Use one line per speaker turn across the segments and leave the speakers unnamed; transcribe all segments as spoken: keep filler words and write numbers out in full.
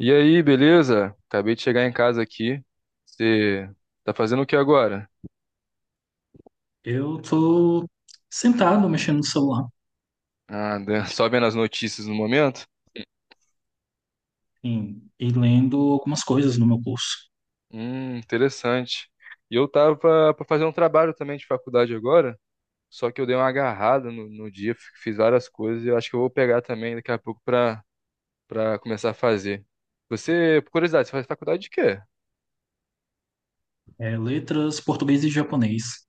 E aí, beleza? Acabei de chegar em casa aqui. Você tá fazendo o que agora?
Eu tô sentado mexendo no celular,
Ah, né, só vendo as notícias no momento?
sim, e lendo algumas coisas no meu curso.
Hum, interessante. E eu tava pra pra fazer um trabalho também de faculdade agora, só que eu dei uma agarrada no, no dia, f- fiz várias coisas e eu acho que eu vou pegar também daqui a pouco pra, pra começar a fazer. Você, por curiosidade, você faz faculdade de quê?
É, letras, português e japonês.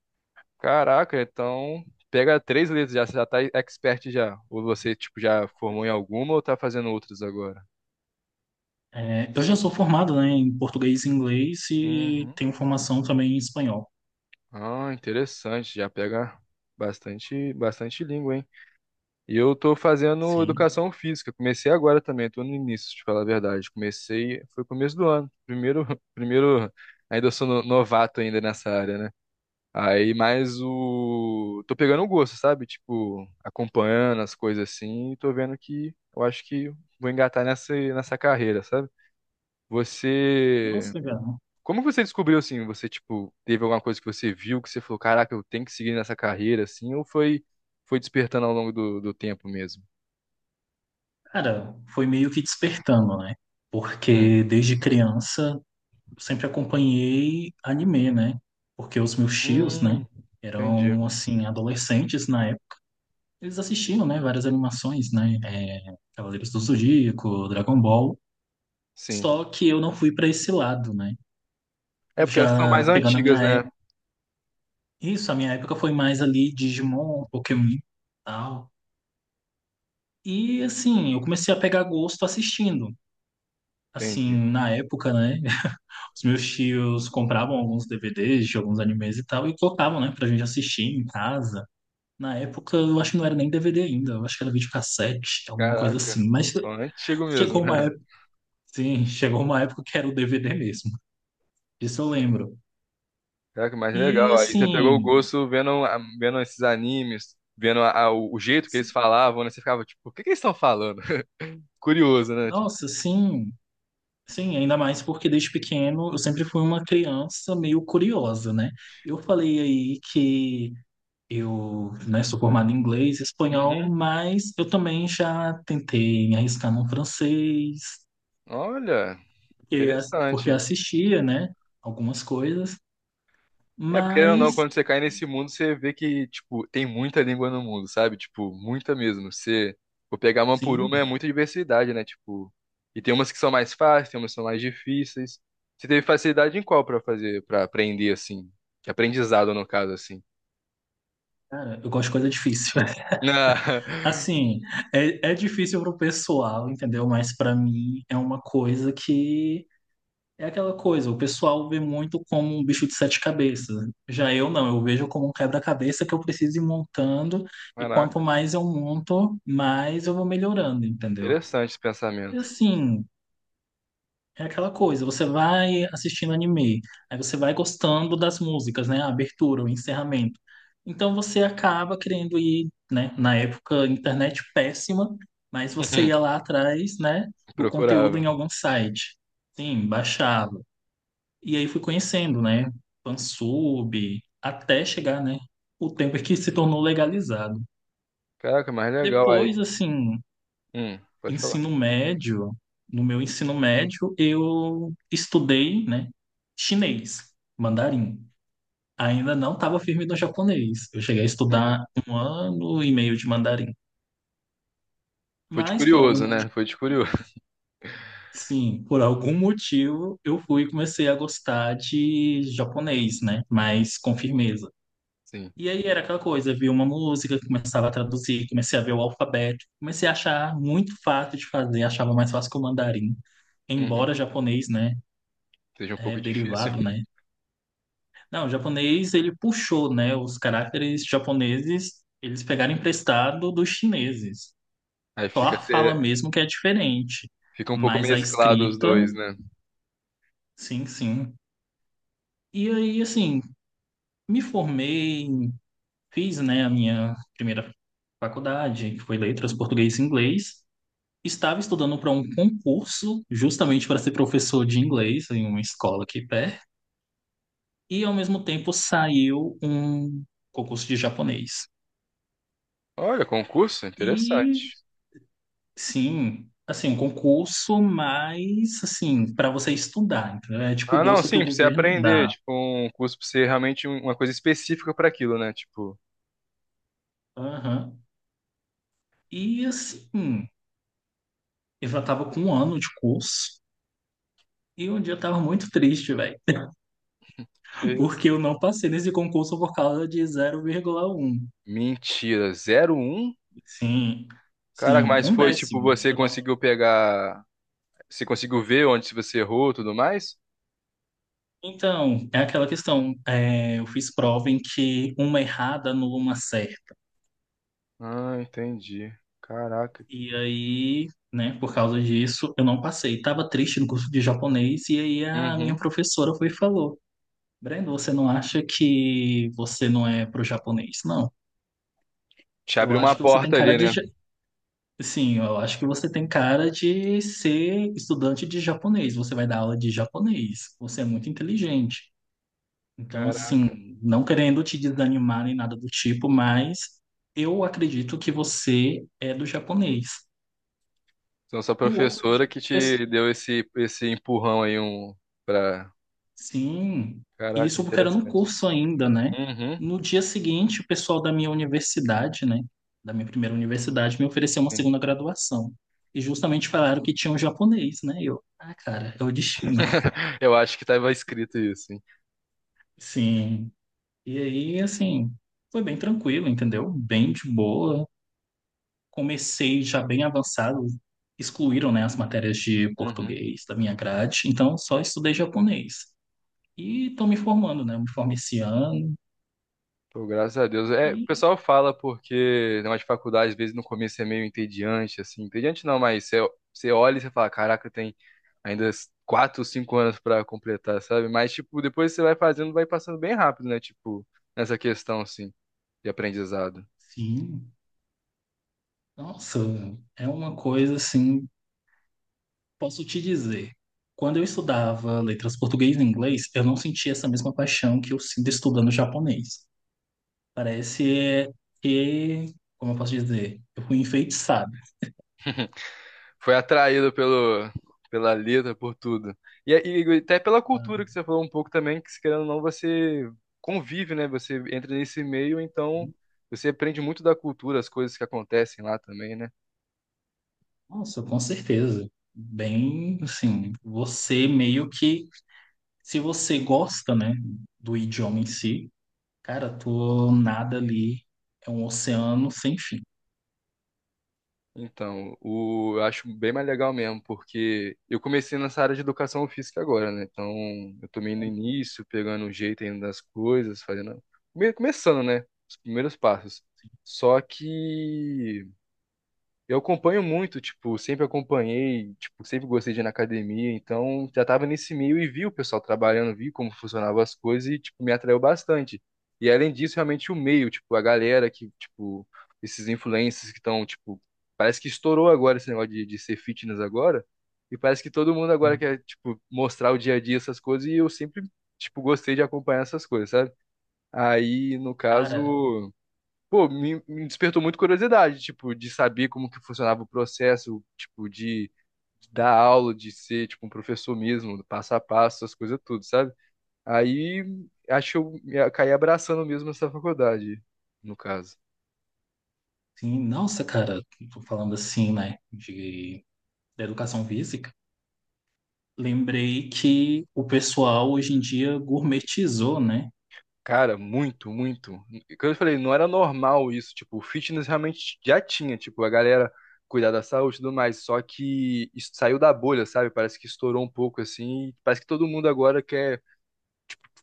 Caraca, então pega três letras já, você já tá expert já. Ou você, tipo, já formou em alguma ou tá fazendo outras agora?
É, eu já sou formado, né, em português e inglês e
Uhum.
tenho formação também em espanhol.
Ah, interessante. Já pega bastante, bastante língua, hein? E eu tô fazendo
Sim.
educação física. Comecei agora também, tô no início, te falar a verdade. Comecei, foi começo do ano. Primeiro, primeiro, ainda sou no- novato ainda nessa área, né? Aí, mas o... Tô pegando o gosto, sabe? Tipo, acompanhando as coisas assim e tô vendo que eu acho que vou engatar nessa, nessa carreira, sabe? Você
Nossa, cara.
Como você descobriu assim? Você, tipo, teve alguma coisa que você viu que você falou, caraca, eu tenho que seguir nessa carreira, assim, ou foi, foi despertando ao longo do, do tempo mesmo?
Cara, foi meio que despertando, né?
Hum.
Porque desde criança eu sempre acompanhei anime, né? Porque os meus tios, né,
Hum, entendi.
eram assim adolescentes na eles assistindo, né, várias animações, né, é, Cavaleiros do Zodíaco, Dragon Ball,
Sim.
só que eu não fui para esse lado, né,
É porque elas são
já
mais
pegando a
antigas,
minha época,
né?
isso, a minha época foi mais ali Digimon, Pokémon, tal, e assim, eu comecei a pegar gosto assistindo, assim,
Entendi.
na época, né. Os meus tios compravam alguns D V Ds de alguns animes e tal, e colocavam, né, pra gente assistir em casa. Na época, eu acho que não era nem D V D ainda, eu acho que era videocassete, alguma coisa
Caraca.
assim. Mas
Então, é antigo mesmo,
chegou
né?
uma sim, chegou uma época que era o D V D mesmo. Isso eu lembro.
Caraca, mais
E
legal. Aí você pegou o
assim,
gosto vendo, a- vendo esses animes, vendo a- a- o jeito que eles
se-
falavam, né? Você ficava, tipo, o que que eles estão falando? Curioso, né? Tipo,
nossa, sim, sim, ainda mais porque desde pequeno eu sempre fui uma criança meio curiosa, né? Eu falei aí que eu, né, sou formado em inglês e espanhol,
uhum.
mas eu também já tentei me arriscar no francês,
Olha,
porque as- porque
interessante.
assistia, né, algumas coisas,
É, porque querendo ou não,
mas
quando você cai nesse mundo, você vê que, tipo, tem muita língua no mundo, sabe? Tipo, muita mesmo. Você, vou pegar uma por uma,
sim,
é muita diversidade, né? Tipo, e tem umas que são mais fáceis, tem umas que são mais difíceis. Você teve facilidade em qual pra fazer, pra aprender, assim? De aprendizado, no caso, assim.
cara, eu gosto de coisa difícil.
Na-
Assim, é, é difícil pro pessoal, entendeu? Mas para mim é uma coisa que é aquela coisa, o pessoal vê muito como um bicho de sete cabeças. Já eu não, eu vejo como um quebra-cabeça que eu preciso ir montando, e quanto
Caraca,
mais eu monto, mais eu vou melhorando, entendeu?
interessante esse
E
pensamento.
assim, é aquela coisa, você vai assistindo anime, aí você vai gostando das músicas, né? A abertura, o encerramento. Então você acaba querendo ir, né? Na época, internet péssima, mas você ia lá atrás, né? Do conteúdo em
Procurava.
algum site. Sim, baixava. E aí fui conhecendo, né? Fansub, até chegar, né? O tempo em que se tornou legalizado.
Caraca, mais legal aí.
Depois, assim,
Hum, pode falar.
ensino médio, no meu ensino médio, eu estudei, né, chinês, mandarim. Ainda não estava firme no japonês. Eu cheguei a
Uhum.
estudar um ano e meio de mandarim.
Foi de
Mas por algum
curioso, né?
motivo,
Foi de curioso.
sim, por algum motivo eu fui e comecei a gostar de japonês, né, mas com firmeza.
Sim.
E aí era aquela coisa, via uma música, começava a traduzir, comecei a ver o alfabeto, comecei a achar muito fácil de fazer, achava mais fácil que o mandarim,
Uhum.
embora japonês, né,
Seja um
é
pouco difícil.
derivado, né? Não, o japonês ele puxou, né? Os caracteres japoneses eles pegaram emprestado dos chineses.
Aí
Só
fica.
a fala mesmo que é diferente,
Fica um pouco
mas a
mesclado os
escrita,
dois, né?
sim, sim. E aí, assim, me formei, fiz, né, a minha primeira faculdade, que foi Letras, Português e Inglês. Estava estudando para um concurso, justamente para ser professor de inglês em uma escola aqui perto. E ao mesmo tempo saiu um concurso de japonês.
Olha, concurso,
E
interessante.
sim, assim, um concurso, mas assim, para você estudar, entendeu? É tipo
Ah, não,
bolsa que o
sim, pra você
governo
aprender,
dá.
tipo, um curso pra ser realmente um- uma coisa específica pra aquilo, né? Tipo,
Aham. E assim, eu já tava com um ano de curso e um dia eu tava muito triste, velho,
que isso.
porque eu não passei nesse concurso por causa de zero vírgula um.
Mentira, zero um?
Sim,
Caraca,
sim,
mas
um
foi tipo
décimo.
você
Eu não...
conseguiu pegar, você conseguiu ver onde você errou, e tudo mais?
Então, é aquela questão. É, eu fiz prova em que uma errada anula uma certa.
Ah, entendi. Caraca.
E aí, né, por causa disso, eu não passei. Tava triste no curso de japonês e aí a minha
Uhum.
professora foi e falou: Breno, você não acha que você não é pro japonês? Não.
Te
Eu
abriu uma
acho que você tem
porta
cara
ali,
de
né?
ja- Sim, eu acho que você tem cara de ser estudante de japonês. Você vai dar aula de japonês. Você é muito inteligente. Então,
Caraca.
assim, não querendo te desanimar nem nada do tipo, mas eu acredito que você é do japonês.
Então sua
No outro
professora
dia.
que te deu esse esse empurrão aí um para.
Sim, e
Caraca,
isso porque era no
interessante.
curso ainda, né?
Uhum.
No dia seguinte, o pessoal da minha universidade, né, da minha primeira universidade, me ofereceu uma segunda graduação. E justamente falaram que tinha um japonês, né? E eu, ah, cara, é o destino.
Eu acho que estava escrito isso, hein?
Sim. E aí, assim, foi bem tranquilo, entendeu? Bem de boa. Comecei já bem avançado. Excluíram, né, as matérias de
Uhum.
português da minha grade, então só estudei japonês. E estou me formando, né? Eu me formei esse ano.
Pô, graças a Deus. É, o
E
pessoal fala porque na de faculdade, às vezes, no começo é meio entediante, assim. Entediante não, mas você, você olha e você fala, caraca, tem ainda quatro, cinco anos para completar, sabe? Mas, tipo, depois você vai fazendo, vai passando bem rápido, né? Tipo, nessa questão, assim, de aprendizado.
sim. Nossa, é uma coisa assim, posso te dizer. Quando eu estudava letras português e inglês, eu não sentia essa mesma paixão que eu sinto estudando japonês. Parece é, que, como eu posso dizer, eu fui enfeitiçado.
Foi atraído pelo, pela letra, por tudo. E, é, e até pela cultura que você falou um pouco também, que se querendo ou não, você convive, né? Você entra nesse meio, então você aprende muito da cultura, as coisas que acontecem lá também, né?
Nossa, com certeza. Bem, assim, você meio que, se você gosta, né, do idioma em si, cara, tu nada ali é um oceano sem fim.
Então, o, eu acho bem mais legal mesmo, porque eu comecei nessa área de educação física agora, né? Então, eu tô meio no início, pegando o jeito ainda das coisas, fazendo. Meio começando, né? Os primeiros passos. Só que. Eu acompanho muito, tipo, sempre acompanhei, tipo, sempre gostei de ir na academia, então já tava nesse meio e vi o pessoal trabalhando, vi como funcionavam as coisas e, tipo, me atraiu bastante. E além disso, realmente o meio, tipo, a galera que, tipo, esses influencers que estão, tipo, parece que estourou agora esse negócio de, de ser fitness agora, e parece que todo mundo agora quer, tipo, mostrar o dia a dia essas coisas e eu sempre, tipo, gostei de acompanhar essas coisas, sabe? Aí, no
Cara,
caso pô, me, me despertou muito curiosidade, tipo, de saber como que funcionava o processo, tipo, de, de dar aula, de ser, tipo, um professor mesmo, passo a passo, essas coisas tudo, sabe? Aí, acho que eu me- caí abraçando mesmo essa faculdade, no caso.
sim, nossa, cara, tô falando assim, né, de, da educação física, lembrei que o pessoal hoje em dia gourmetizou, né?
Cara, muito, muito. Como eu falei, não era normal isso, tipo, o fitness realmente já tinha, tipo, a galera cuidar da saúde e tudo mais, só que isso saiu da bolha, sabe? Parece que estourou um pouco, assim, parece que todo mundo agora quer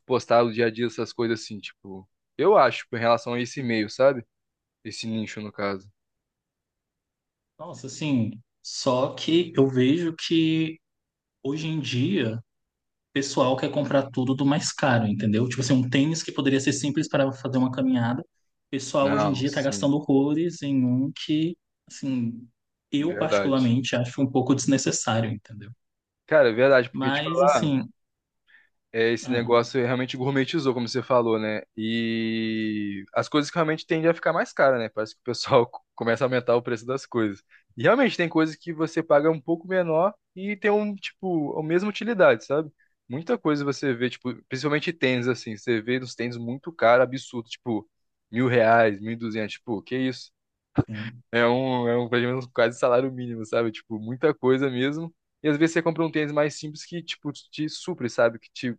postar o dia a dia, essas coisas assim, tipo, eu acho, em relação a esse meio, sabe? Esse nicho, no caso.
Nossa, assim, só que eu vejo que hoje em dia o pessoal quer comprar tudo do mais caro, entendeu? Tipo assim, um tênis que poderia ser simples para fazer uma caminhada, o pessoal hoje em
Não,
dia tá
sim,
gastando horrores em um que, assim, eu
verdade.
particularmente acho um pouco desnecessário, entendeu?
Cara, é verdade, porque te
Mas,
falar.
assim,
É, esse
ah,
negócio realmente gourmetizou, como você falou, né? E as coisas que realmente tendem a ficar mais caras, né? Parece que o pessoal co- começa a aumentar o preço das coisas. E realmente tem coisas que você paga um pouco menor e tem um, tipo, a mesma utilidade, sabe? Muita coisa você vê, tipo, principalmente tênis, assim, você vê uns tênis muito caros, absurdo, tipo, mil reais, mil e duzentos, tipo, que isso?
sim,
É um, é um, pelo menos quase salário mínimo, sabe? Tipo, muita coisa mesmo. E às vezes você compra um tênis mais simples que, tipo, te supre, sabe? Que te,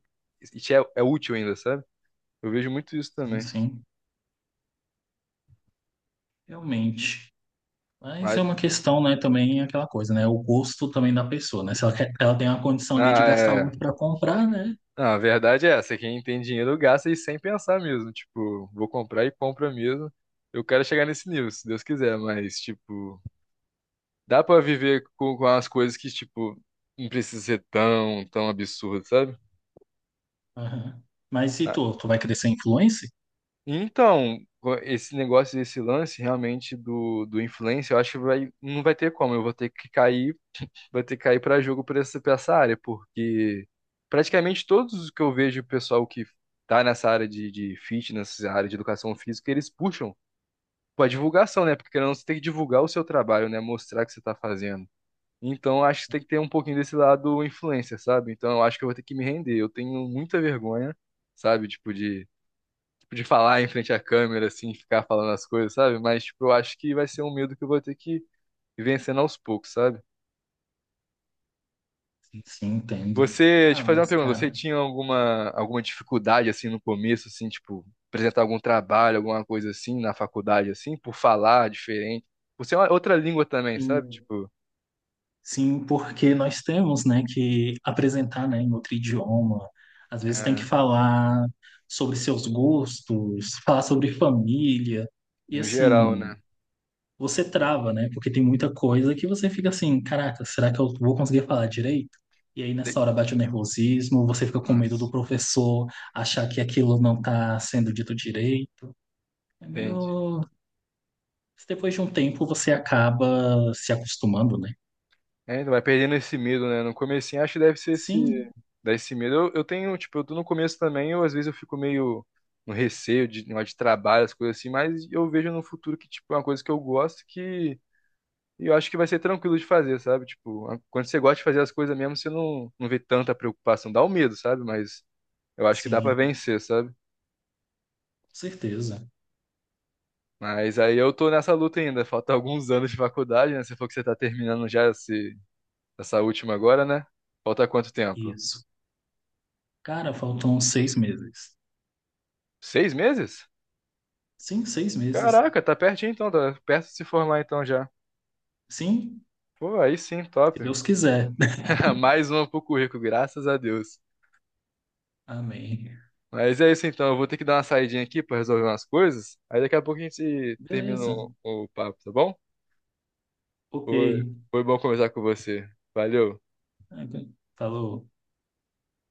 e te é, é útil ainda, sabe? Eu vejo muito isso
sim,
também.
sim. Realmente. Mas é
Mas,
uma questão, né, também é aquela coisa, né? O gosto também da pessoa, né? Se ela, quer- ela tem uma condição ali de
ah,
gastar
é...
muito para comprar, né?
Não, a verdade é essa. Quem tem dinheiro gasta e sem pensar mesmo. Tipo, vou comprar e compra mesmo. Eu quero chegar nesse nível, se Deus quiser. Mas, tipo, dá pra viver com, com as coisas que, tipo, não precisa ser tão, tão absurdo, sabe?
Aham. Mas e
Ah,
tu? Tu vai crescer influencer?
então, esse negócio, esse lance realmente do, do influencer, eu acho que vai, não vai ter como. Eu vou ter que cair, vou ter que cair para jogo por essa, pra essa área, porque praticamente todos os que eu vejo o pessoal que tá nessa área de, de fitness, essa área de educação física, eles puxam pra divulgação, né? Porque querendo ou não, você tem que divulgar o seu trabalho, né? Mostrar o que você tá fazendo. Então, eu acho que tem que ter um pouquinho desse lado influencer, sabe? Então, eu acho que eu vou ter que me render. Eu tenho muita vergonha, sabe? Tipo, de de falar em frente à câmera, assim, ficar falando as coisas, sabe? Mas, tipo, eu acho que vai ser um medo que eu vou ter que ir vencendo aos poucos, sabe?
Sim, entendo.
Você, deixa
Ah,
eu fazer uma
mas
pergunta,
cara,
você tinha alguma, alguma dificuldade, assim, no começo, assim, tipo, apresentar algum trabalho, alguma coisa assim, na faculdade, assim, por falar diferente? Por ser uma outra língua também, sabe?
sim,
Tipo,
sim, porque nós temos, né, que apresentar, né, em outro idioma. Às vezes tem que
é,
falar sobre seus gostos, falar sobre família. E
no geral,
assim,
né?
você trava, né? Porque tem muita coisa que você fica assim, caraca, será que eu vou conseguir falar direito? E aí nessa
Tem-
hora bate o nervosismo, você fica com medo do
Nossa,
professor achar que aquilo não tá sendo dito direito. É
entendi.
meio... Depois de um tempo você acaba se acostumando, né?
É, então vai perdendo esse medo, né? No comecinho acho que deve ser esse,
Sim,
dá esse medo. Eu, eu tenho, tipo, eu tô no começo também, eu às vezes eu fico meio no receio de, de trabalho, as coisas assim, mas eu vejo no futuro que, tipo, é uma coisa que eu gosto que eu acho que vai ser tranquilo de fazer, sabe? Tipo, a- quando você gosta de fazer as coisas mesmo, você não, não vê tanta preocupação, dá o medo, sabe? Mas eu acho que dá pra
sim,
vencer, sabe?
com certeza.
Mas aí eu tô nessa luta ainda, falta alguns anos de faculdade, né? Você falou que você tá terminando já esse, essa última agora, né? Falta quanto tempo?
Isso. Cara, faltam seis meses.
Seis meses?
Sim, seis meses.
Caraca, tá pertinho então, tá perto de se formar então já.
Sim,
Pô, aí sim,
se
top.
Deus quiser.
Mais uma pro currículo, graças a Deus.
Amém.
Mas é isso então, eu vou ter que dar uma saidinha aqui pra resolver umas coisas. Aí daqui a pouco a gente termina
Beleza.
o, o papo, tá bom?
Ok.
Foi, foi bom conversar com você. Valeu.
Falou.